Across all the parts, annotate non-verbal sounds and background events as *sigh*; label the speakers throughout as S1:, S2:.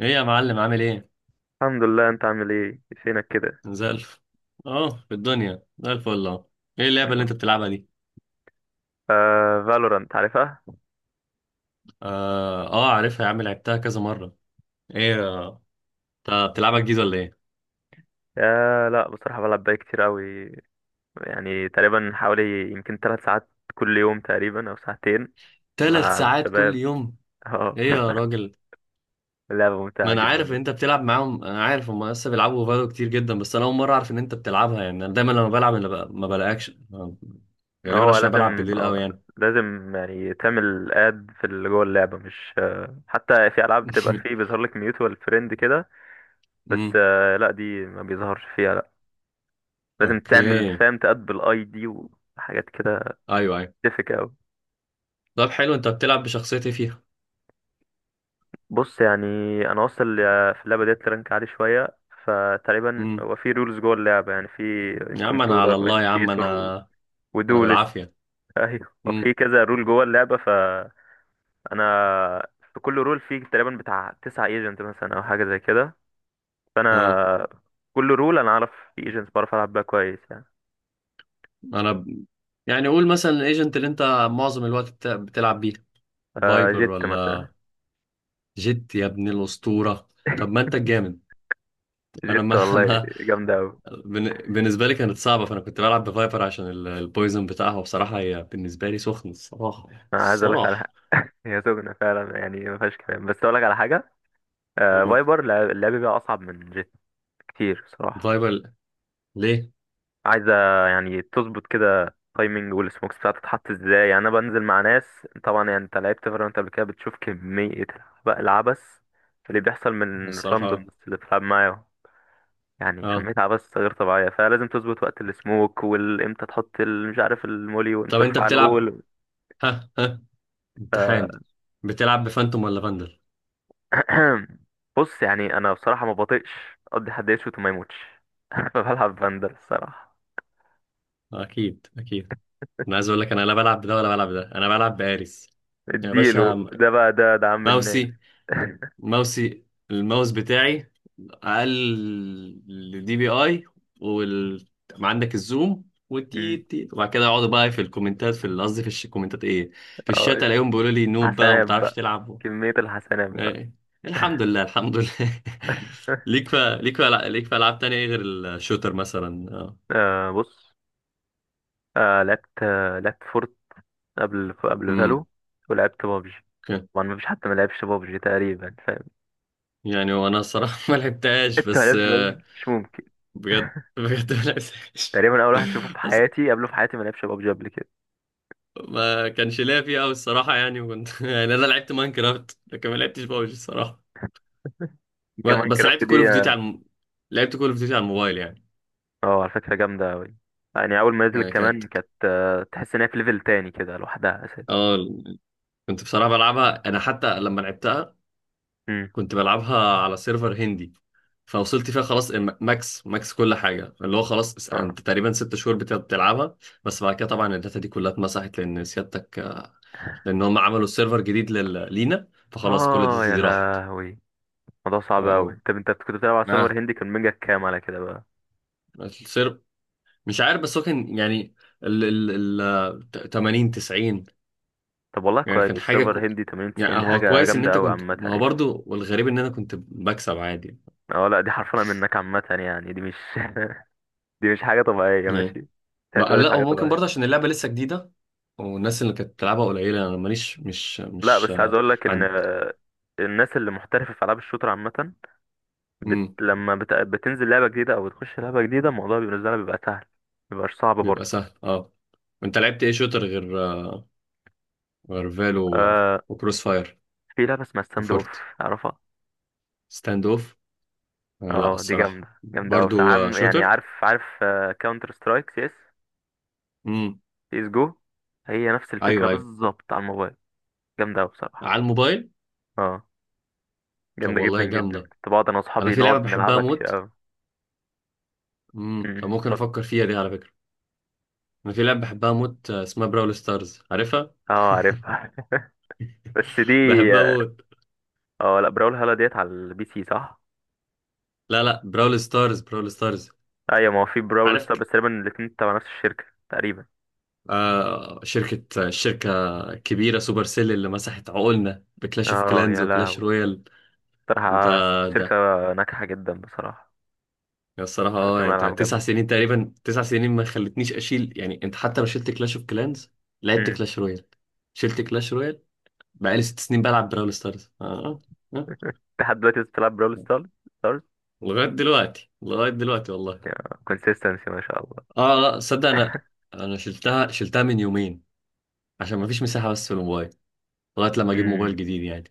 S1: ايه يا معلم عامل ايه؟
S2: الحمد لله. انت عامل ايه فينك كده؟
S1: زي الف اه في الدنيا زي الفل ايه اللعبة
S2: الحمد
S1: اللي انت
S2: لله.
S1: بتلعبها دي؟
S2: آه، فالورانت عارفها.
S1: اه اه عارفها يا عم، لعبتها كذا مرة. ايه آه، انت بتلعبها جديد ولا ايه؟
S2: آه لا، بصراحة بلعب بقى كتير قوي. يعني تقريبا حوالي يمكن 3 ساعات كل يوم تقريبا او ساعتين
S1: تلات
S2: مع
S1: ساعات كل
S2: الشباب.
S1: يوم.
S2: اه.
S1: ايه يا
S2: *laughs*
S1: راجل؟
S2: لعبة
S1: ما
S2: ممتعة
S1: انا
S2: جدا
S1: عارف ان انت
S2: بس.
S1: بتلعب معاهم، انا عارف هم لسه بيلعبوا فالو كتير جدا، بس انا اول مرة اعرف ان انت بتلعبها، يعني انا دايما لما بلعب ما بلاقيكش غالبا
S2: هو
S1: عشان أنا بلعب
S2: لازم
S1: بالليل قوي
S2: اه،
S1: يعني.
S2: لازم يعني تعمل اد في اللي جوه اللعبة، مش حتى في العاب بتبقى فيه
S1: *laughs*
S2: بيظهر لك ميوتوال فريند كده. بس
S1: امم.
S2: آه لا، دي ما بيظهرش فيها لا. لازم تعمل
S1: اوكي.
S2: فاهم تاد بالاي دي وحاجات كده.
S1: ايوه ايوه.
S2: تفك قوي.
S1: طب حلو، انت بتلعب بشخصيتي فيها.
S2: بص يعني، انا واصل في اللعبه ديت لرانك عالي شويه. فتقريبا
S1: امم.
S2: هو في رولز جوه اللعبه، يعني في
S1: يا عم انا على
S2: كنترولر
S1: الله يا عم
S2: وانيشيتور و...
S1: انا، انا
S2: ودولست.
S1: بالعافيه.
S2: *laughs* ايوه، وفي
S1: امم.
S2: كذا رول جوه اللعبه، فانا في كل رول في تقريبا بتاع 9 ايجنت مثلا او حاجه زي كده.
S1: اه.
S2: فانا كل رول انا اعرف في ايجنت بعرف العب بيها كويس يعني.
S1: انا ب... يعني قول مثلا الايجنت اللي انت معظم الوقت بتلعب بيه.
S2: آه
S1: فايبر
S2: جيت مثلا.
S1: ولا؟ جيت يا ابن الاسطوره، طب ما
S2: *laughs*
S1: انت الجامد. انا
S2: جيت
S1: ما *laughs*
S2: والله،
S1: ما
S2: جامده قوي.
S1: بالنسبه لي كانت صعبه، فانا كنت بلعب بفايبر عشان البويزن بتاعها، وبصراحه هي بالنسبه لي سخن الصراحه يعني
S2: انا عايز اقول لك على
S1: الصراحه.
S2: حاجه، هي سجنه فعلا يعني ما فيهاش كلام، بس اقول لك على حاجه. آه، فايبر اللعب بيها اصعب من جيت كتير صراحة.
S1: فايبر ليه؟
S2: عايزة يعني تظبط كده تايمنج والسموكس بتاعتها تتحط ازاي. يعني انا بنزل مع ناس طبعا، يعني انت لعبت فالورانت قبل كده، بتشوف كمية بقى العبث اللي بيحصل
S1: هو
S2: من الراندوم
S1: الصراحه
S2: اللي بتلعب معاه. يعني
S1: اه.
S2: كمية عبث غير طبيعية، فلازم تظبط وقت السموك والامتى تحط مش عارف المولي، وامتى
S1: طب انت
S2: ترفع
S1: بتلعب،
S2: الوول.
S1: ها ها،
S2: ف...
S1: امتحان، بتلعب بفانتوم ولا فاندل؟
S2: *clears throat* بص يعني، انا بصراحة ما بطيقش اقضي حد يشوت وما يموتش. *laughs* بلعب بندر الصراحة.
S1: اكيد اكيد. انا عايز اقول لك انا لا بلعب بده ولا بلعب ده، انا بلعب باريس يا
S2: اديله
S1: باشا.
S2: ده بقى، ده عم
S1: ماوسي،
S2: الناس.
S1: ماوسي، الماوس بتاعي اقل دي بي اي، وال عندك الزوم والتي
S2: *laughs*
S1: تي، وبعد كده يقعدوا بقى في الكومنتات في الكومنتات ايه، في الشات
S2: اه،
S1: الاقيهم بيقولوا لي نوب بقى وما
S2: حسنات
S1: بتعرفش
S2: بقى،
S1: تلعب.
S2: كمية الحسنات بقى.
S1: إيه. الحمد لله الحمد لله. *laughs*
S2: *laughs*
S1: ليك في العاب تانية إيه غير الشوتر مثلا؟ اه.
S2: آه بص، لعبت فورت قبل
S1: امم.
S2: فالو، ولعبت بابجي.
S1: أوكي.
S2: طبعا مفيش حد ما لعبش بابجي تقريبا، فاهم؟
S1: يعني وانا الصراحه *laughs* ما
S2: *laughs*
S1: لعبتهاش.
S2: انت ما
S1: بس
S2: لعبتش بابجي؟ مش ممكن.
S1: بجد بجد ما لعبتهاش.
S2: تقريبا اول واحد تشوفه في
S1: أص-
S2: حياتي قبله في حياتي ما لعبش بابجي قبل كده.
S1: ما كانش ليا فيها قوي الصراحه يعني، وكنت *laughs* يعني انا لعبت ماينكرافت، لكن ما لعبتش بابجي الصراحه.
S2: كمان
S1: بس
S2: كرافت
S1: لعبت كول
S2: دي
S1: اوف ديوتي
S2: اه.
S1: لعبت كول اوف ديوتي على الموبايل يعني.
S2: على فكرة جامدة أوي. يعني أول ما نزلت
S1: يعني كانت،
S2: كمان كانت تحس إن هي في ليفل تاني كده لوحدها أساسا.
S1: اه، كنت بصراحه بلعبها انا، حتى لما لعبتها
S2: امم،
S1: كنت بلعبها على سيرفر هندي، فوصلت فيها خلاص ماكس ماكس كل حاجه، اللي هو خلاص
S2: اه.
S1: انت تقريبا ست شهور بتلعبها. بس بعد كده طبعا الداتا دي كلها اتمسحت لان سيادتك،
S2: *laughs*
S1: لان هم عملوا سيرفر جديد لينا، فخلاص كل
S2: اه
S1: الداتا
S2: يا
S1: دي راحت.
S2: لهوي، الموضوع صعب
S1: اه.
S2: قوي. طب انت كنت بتلعب على سيرفر
S1: اه.
S2: هندي كان ميجا كام على كده بقى؟
S1: السيرفر مش عارف، بس هو كان يعني ال 80 90.
S2: طب والله
S1: يعني كان
S2: كويس،
S1: حاجه
S2: سيرفر هندي 80 90،
S1: يعني
S2: دي
S1: هو
S2: حاجه
S1: كويس ان
S2: جامده
S1: انت
S2: قوي
S1: كنت،
S2: عامه
S1: ما هو
S2: يعني.
S1: برضو والغريب ان انا كنت بكسب عادي
S2: اه لا، دي حرفنا منك عامه يعني، دي مش *laughs* دي مش حاجه طبيعيه، ماشي
S1: يعني.
S2: ما
S1: بقى
S2: تعتبرهاش
S1: لا، هو
S2: حاجه
S1: ممكن
S2: طبيعيه.
S1: برضه عشان اللعبه لسه جديده، والناس اللي كانت بتلعبها قليله، انا ماليش مش
S2: لا
S1: مش
S2: بس عايز
S1: آه،
S2: اقول لك ان
S1: عند.
S2: الناس اللي محترفه في العاب الشوتر عامه، بت...
S1: امم.
S2: لما بت... بتنزل لعبه جديده او بتخش لعبه جديده، الموضوع بالنسبه لها بيبقى سهل، مبيبقاش صعب
S1: بيبقى
S2: برضه.
S1: سهل اه. انت لعبت ايه شوتر غير فالو
S2: آه...
S1: وكروس فاير
S2: في لعبه اسمها ستاند اوف
S1: وفورت
S2: اعرفها.
S1: ستاند اوف لا
S2: اه دي
S1: الصراحة
S2: جامدة، جامدة أوي بصراحة.
S1: برضو
S2: عم- يعني
S1: شوتر.
S2: عارف، كاونتر سترايك سي اس،
S1: امم.
S2: سي اس جو. هي نفس الفكرة
S1: ايوه ايوه.
S2: بالظبط على الموبايل، جامدة أوي بصراحة.
S1: على الموبايل.
S2: اه،
S1: طب
S2: جامدة جدا
S1: والله
S2: جدا.
S1: جامدة.
S2: كنت بقعد أنا
S1: انا
S2: وأصحابي
S1: في لعبة
S2: نقعد
S1: بحبها
S2: نلعبها كتير
S1: موت.
S2: أوي.
S1: امم. طب
S2: أمم،
S1: ممكن
S2: اتفضل.
S1: افكر فيها دي على فكرة. انا في لعبة بحبها موت اسمها براول ستارز، عارفها؟
S2: اه عارفها. *laughs* بس دي،
S1: *laughs* بحبها
S2: اه،
S1: موت.
S2: اه، لا، براول هالا ديت على البي سي صح؟
S1: لا لا، براول ستارز، براول ستارز.
S2: أيوة، ما هو في براول
S1: عارف
S2: ستار،
S1: ك-
S2: بس تقريبا الاتنين تبع نفس الشركة تقريبا.
S1: آه شركة شركة كبيرة، سوبر سيل، اللي مسحت عقولنا بكلاش اوف
S2: اه
S1: كلانز
S2: يا
S1: وكلاش
S2: لهوي،
S1: رويال. انت
S2: بصراحة الشركة
S1: ده.
S2: ناجحة جدا بصراحة،
S1: يا الصراحة اه،
S2: بتعمل
S1: يعني انت
S2: ألعاب
S1: تسع
S2: جامدة.
S1: سنين تقريبا، تسع سنين ما خلتنيش اشيل، يعني انت حتى لو شلت كلاش اوف كلانز، لعبت
S2: أمم.
S1: كلاش رويال، شلت كلاش رويال. بقالي ست سنين بلعب براول ستارز اه. اه آه.
S2: لحد دلوقتي لسه بتلعب براول ستار؟
S1: لغاية دلوقتي، لغاية دلوقتي والله.
S2: كونسيستنسي ما شاء الله.
S1: اه لا صدق انا،
S2: *laughs*
S1: انا شلتها شلتها من يومين عشان ما فيش مساحة بس في الموبايل، لغاية لما اجيب موبايل
S2: امم.
S1: جديد يعني.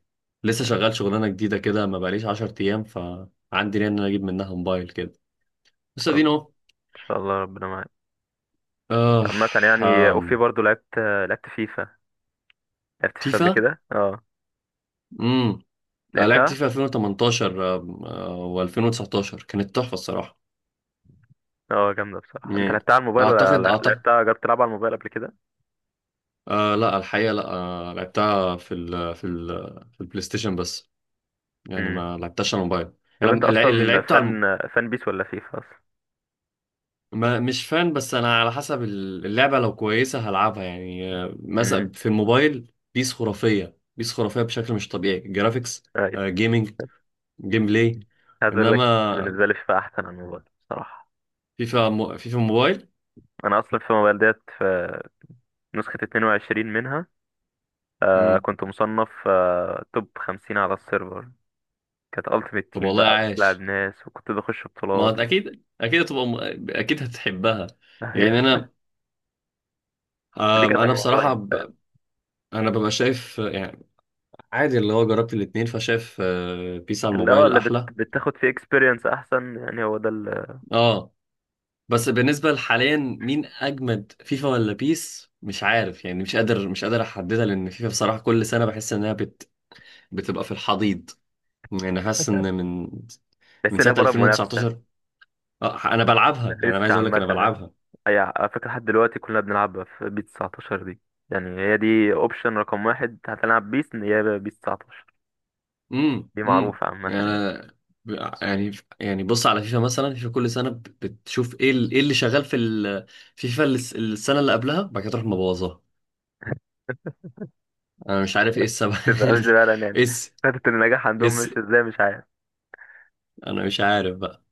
S1: لسه شغال شغلانة جديدة كده، ما بقاليش 10 ايام، فعندي نية ان انا اجيب منها موبايل كده. بس
S2: طب
S1: ادينا
S2: ان
S1: اهو.
S2: شاء الله ربنا معاك. بس
S1: اه.
S2: عامة يعني اوفي
S1: آم،
S2: برضو لعبت، لعبت فيفا، لعبت فيفا قبل
S1: فيفا.
S2: كده اه،
S1: أنا لعبت
S2: لعبتها.
S1: في 2018 و2019، كانت تحفة الصراحة.
S2: اه جامدة بصراحة. انت
S1: يعني
S2: لعبتها على الموبايل ولا
S1: أعتقد أعتقد
S2: لعبتها، جربت تلعب على الموبايل قبل كده؟
S1: لا الحقيقة لا لعبتها في البلاي ستيشن بس، يعني
S2: امم.
S1: ما لعبتهاش على الموبايل.
S2: طب
S1: يعني
S2: انت
S1: اللي
S2: اصلا
S1: لعبته على الم-
S2: فان بيس ولا فيفا اصلا؟
S1: ما مش فان، بس أنا على حسب اللعبة، لو كويسة هلعبها يعني
S2: امم.
S1: مثلا في الموبايل بيس خرافية، بيس خرافية بشكل مش طبيعي، جرافيكس
S2: ايوه
S1: جيمنج، جيم بلاي.
S2: عايز اقول لك،
S1: إنما
S2: بالنسبة لي فيفا احسن على الموبايل بصراحة.
S1: فيفا فيفا موبايل.
S2: انا اصلا في الموبايل ديت في نسخة 22 منها.
S1: مم.
S2: كنت مصنف توب 50 على السيرفر. كانت التيمت
S1: طب
S2: تيم
S1: والله
S2: بقى وبتلعب
S1: عاش.
S2: ناس، وكنت بخش
S1: ما
S2: بطولات و...
S1: اكيد اكيد هتبقى اكيد هتحبها.
S2: *laughs*
S1: يعني
S2: ايوه،
S1: انا،
S2: دي
S1: آم،
S2: كانت على
S1: انا بصراحه
S2: الموبايل فاهم؟
S1: انا ببقى شايف يعني عادي، اللي هو جربت الاتنين، فشايف بيس على
S2: اللي هو
S1: الموبايل
S2: اللي بت...
S1: احلى.
S2: بتاخد فيه اكسبيرينس احسن، يعني هو ده اللي
S1: اه. بس بالنسبه لحاليا مين اجمد، فيفا ولا بيس؟ مش عارف يعني، مش قادر مش قادر احددها، لان فيفا بصراحه كل سنه بحس انها بتبقى في الحضيض. يعني حاسس ان
S2: *laughs*
S1: من
S2: تحس ان هي
S1: سنه
S2: بره منافسه.
S1: 2019 اه انا بلعبها،
S2: ما
S1: يعني انا
S2: فيش
S1: عايز اقول لك
S2: عامه
S1: انا
S2: ها؟
S1: بلعبها.
S2: اي، على فكره لحد دلوقتي كلنا بنلعبها في بيس 19 دي. يعني هي دي اوبشن رقم واحد، هتلعب بيس ان هي بيس 19. دي معروفه عامه
S1: يعني.
S2: يعني.
S1: أنا- يعني يعني بص على فيفا مثلا، فيفا كل سنه بتشوف ايه ايه اللي شغال في فيفا السنه اللي قبلها، بعد كده تروح مبوظاها. انا مش عارف ايه السبب.
S2: تبقى مش فعلا
S1: *laughs*
S2: يعني،
S1: اس
S2: خدت النجاح عندهم
S1: اس
S2: مش ازاي، مش عارف.
S1: انا مش عارف بقى.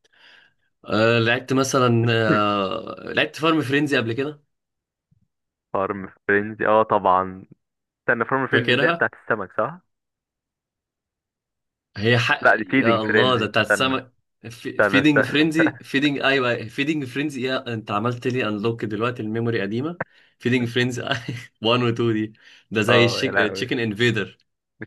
S1: أه لعبت مثلا،
S2: *laughs*
S1: أه لعبت فارم فرينزي قبل كده.
S2: فارم فرينزي اه طبعا. استنى، فارم فرينزي اللي هي
S1: فاكرها،
S2: بتاعت السمك صح؟
S1: هي حق
S2: لا دي فيدنج
S1: يا الله ده
S2: فرينزي.
S1: بتاعت
S2: استنى،
S1: السمك.
S2: استنى
S1: فيدنج
S2: استنى.
S1: فرينزي،
S2: *laughs*
S1: فيدنج ايوه فيدنج فرينزي، يا انت عملت لي انلوك دلوقتي، الميموري قديمه. فيدنج فرينزي *laughs* 1 و 2 دي، ده زي
S2: اه يا لهوي،
S1: تشيكن انفيدر.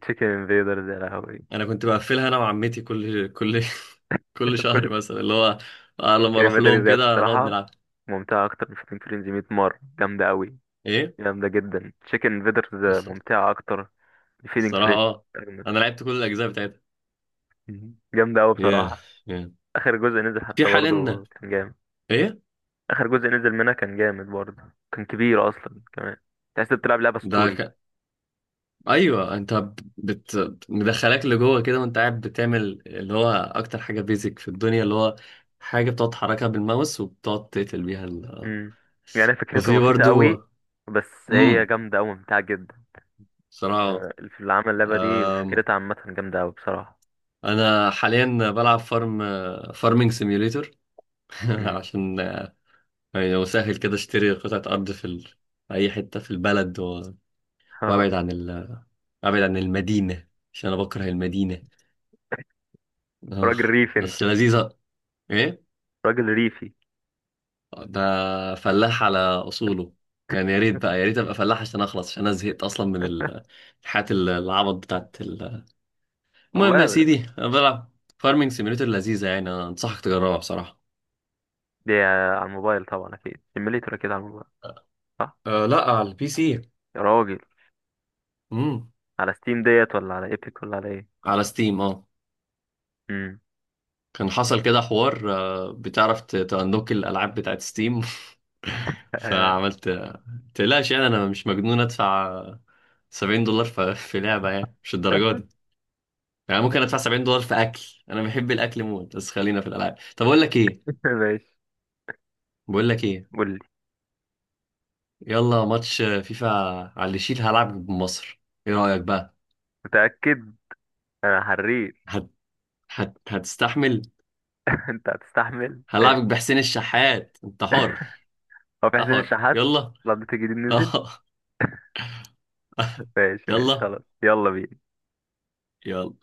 S2: تشيكن انفيدرز يا لهوي.
S1: انا كنت بقفلها انا وعمتي كل *laughs* كل
S2: *laughs*
S1: شهر
S2: كل
S1: مثلا، اللي هو لما اروح
S2: كلمة تاني
S1: لهم
S2: زيادة
S1: كده نقعد
S2: الصراحة،
S1: نلعب.
S2: ممتعة أكتر من فيدنج فريندز 100 مرة، جامدة أوي.
S1: ايه
S2: جامدة جدا تشيكن انفيدرز،
S1: بس.
S2: ممتعة أكتر من فيدنج
S1: الصراحه
S2: فريندز.
S1: اه، انا لعبت كل الاجزاء بتاعتها.
S2: *laughs* جامدة أوي
S1: ياه،
S2: بصراحة.
S1: ياه.
S2: آخر جزء نزل
S1: في
S2: حتى
S1: حاليا
S2: برضه كان جامد.
S1: ايه
S2: آخر جزء نزل منها كان جامد برضه، كان كبير أصلا كمان، تحس إنك بتلعب لعبة ستوري.
S1: ده. ايوه انت مدخلاك لجوه كده وانت قاعد بتعمل اللي هو اكتر حاجه بيزك في الدنيا، اللي هو حاجه بتقعد تحركها بالماوس، وبتقعد تقتل بيها
S2: مم. يعني فكرتها
S1: وفي
S2: بسيطة
S1: برضو.
S2: أوي، بس هي
S1: امم.
S2: جامدة أوي ممتعة جدا.
S1: صراحه.
S2: في اللي عمل اللعبة دي
S1: أم...
S2: فكرتها عامة جامدة أوي بصراحة.
S1: انا حاليا بلعب فارمنج سيميوليتور *laughs*
S2: مم.
S1: عشان يعني لو سهل كده اشتري قطعه ارض في اي حته في البلد وابعد
S2: *laughs*
S1: عن ابعد عن المدينه عشان انا بكره المدينه. اه
S2: راجل ريفي أنت،
S1: بس لذيذه. ايه
S2: راجل ريفي.
S1: ده. فلاح على اصوله، يعني يا ريت بقى، يا ريت ابقى فلاح عشان اخلص، عشان انا زهقت اصلا من الحياة العبط بتاعت المهم يا
S2: والله ال-.
S1: سيدي، انا بلعب فارمنج سيميوليتر لذيذة، يعني أنا انصحك تجربها بصراحة.
S2: دي على الموبايل طبعا أكيد، سيميليتور أكيد على الموبايل، صح؟
S1: لا على البي سي.
S2: يا راجل،
S1: امم.
S2: على ستيم ديت ولا على ايبك ولا على ايه؟
S1: على ستيم اه.
S2: مم.
S1: كان حصل كده حوار بتعرف تأنلوك الالعاب بتاعت ستيم *laughs*
S2: آه،
S1: فعملت. تقلقش، يعني انا مش مجنون ادفع $70 في لعبة يعني، مش
S2: *laughs*
S1: الدرجات، يعني ممكن ادفع $70 في اكل، انا بحب الاكل موت، بس خلينا في الالعاب. طب اقول لك ايه،
S2: ماشي
S1: بقول لك ايه،
S2: قول لي.
S1: يلا ماتش فيفا، على اللي يشيل، هلعب بمصر، ايه رايك بقى؟
S2: متأكد؟ أنا حريت.
S1: هت... هتستحمل؟
S2: *laughs* أنت هتستحمل ماشي.
S1: هلعبك بحسين الشحات، انت حر.
S2: هو في
S1: انت
S2: حسين
S1: حر،
S2: الشحات؟
S1: يلا.
S2: الأبديت الجديد نزل.
S1: اه. *laughs*
S2: ماشي ماشي
S1: يلا
S2: خلاص يلا بينا.
S1: يلا.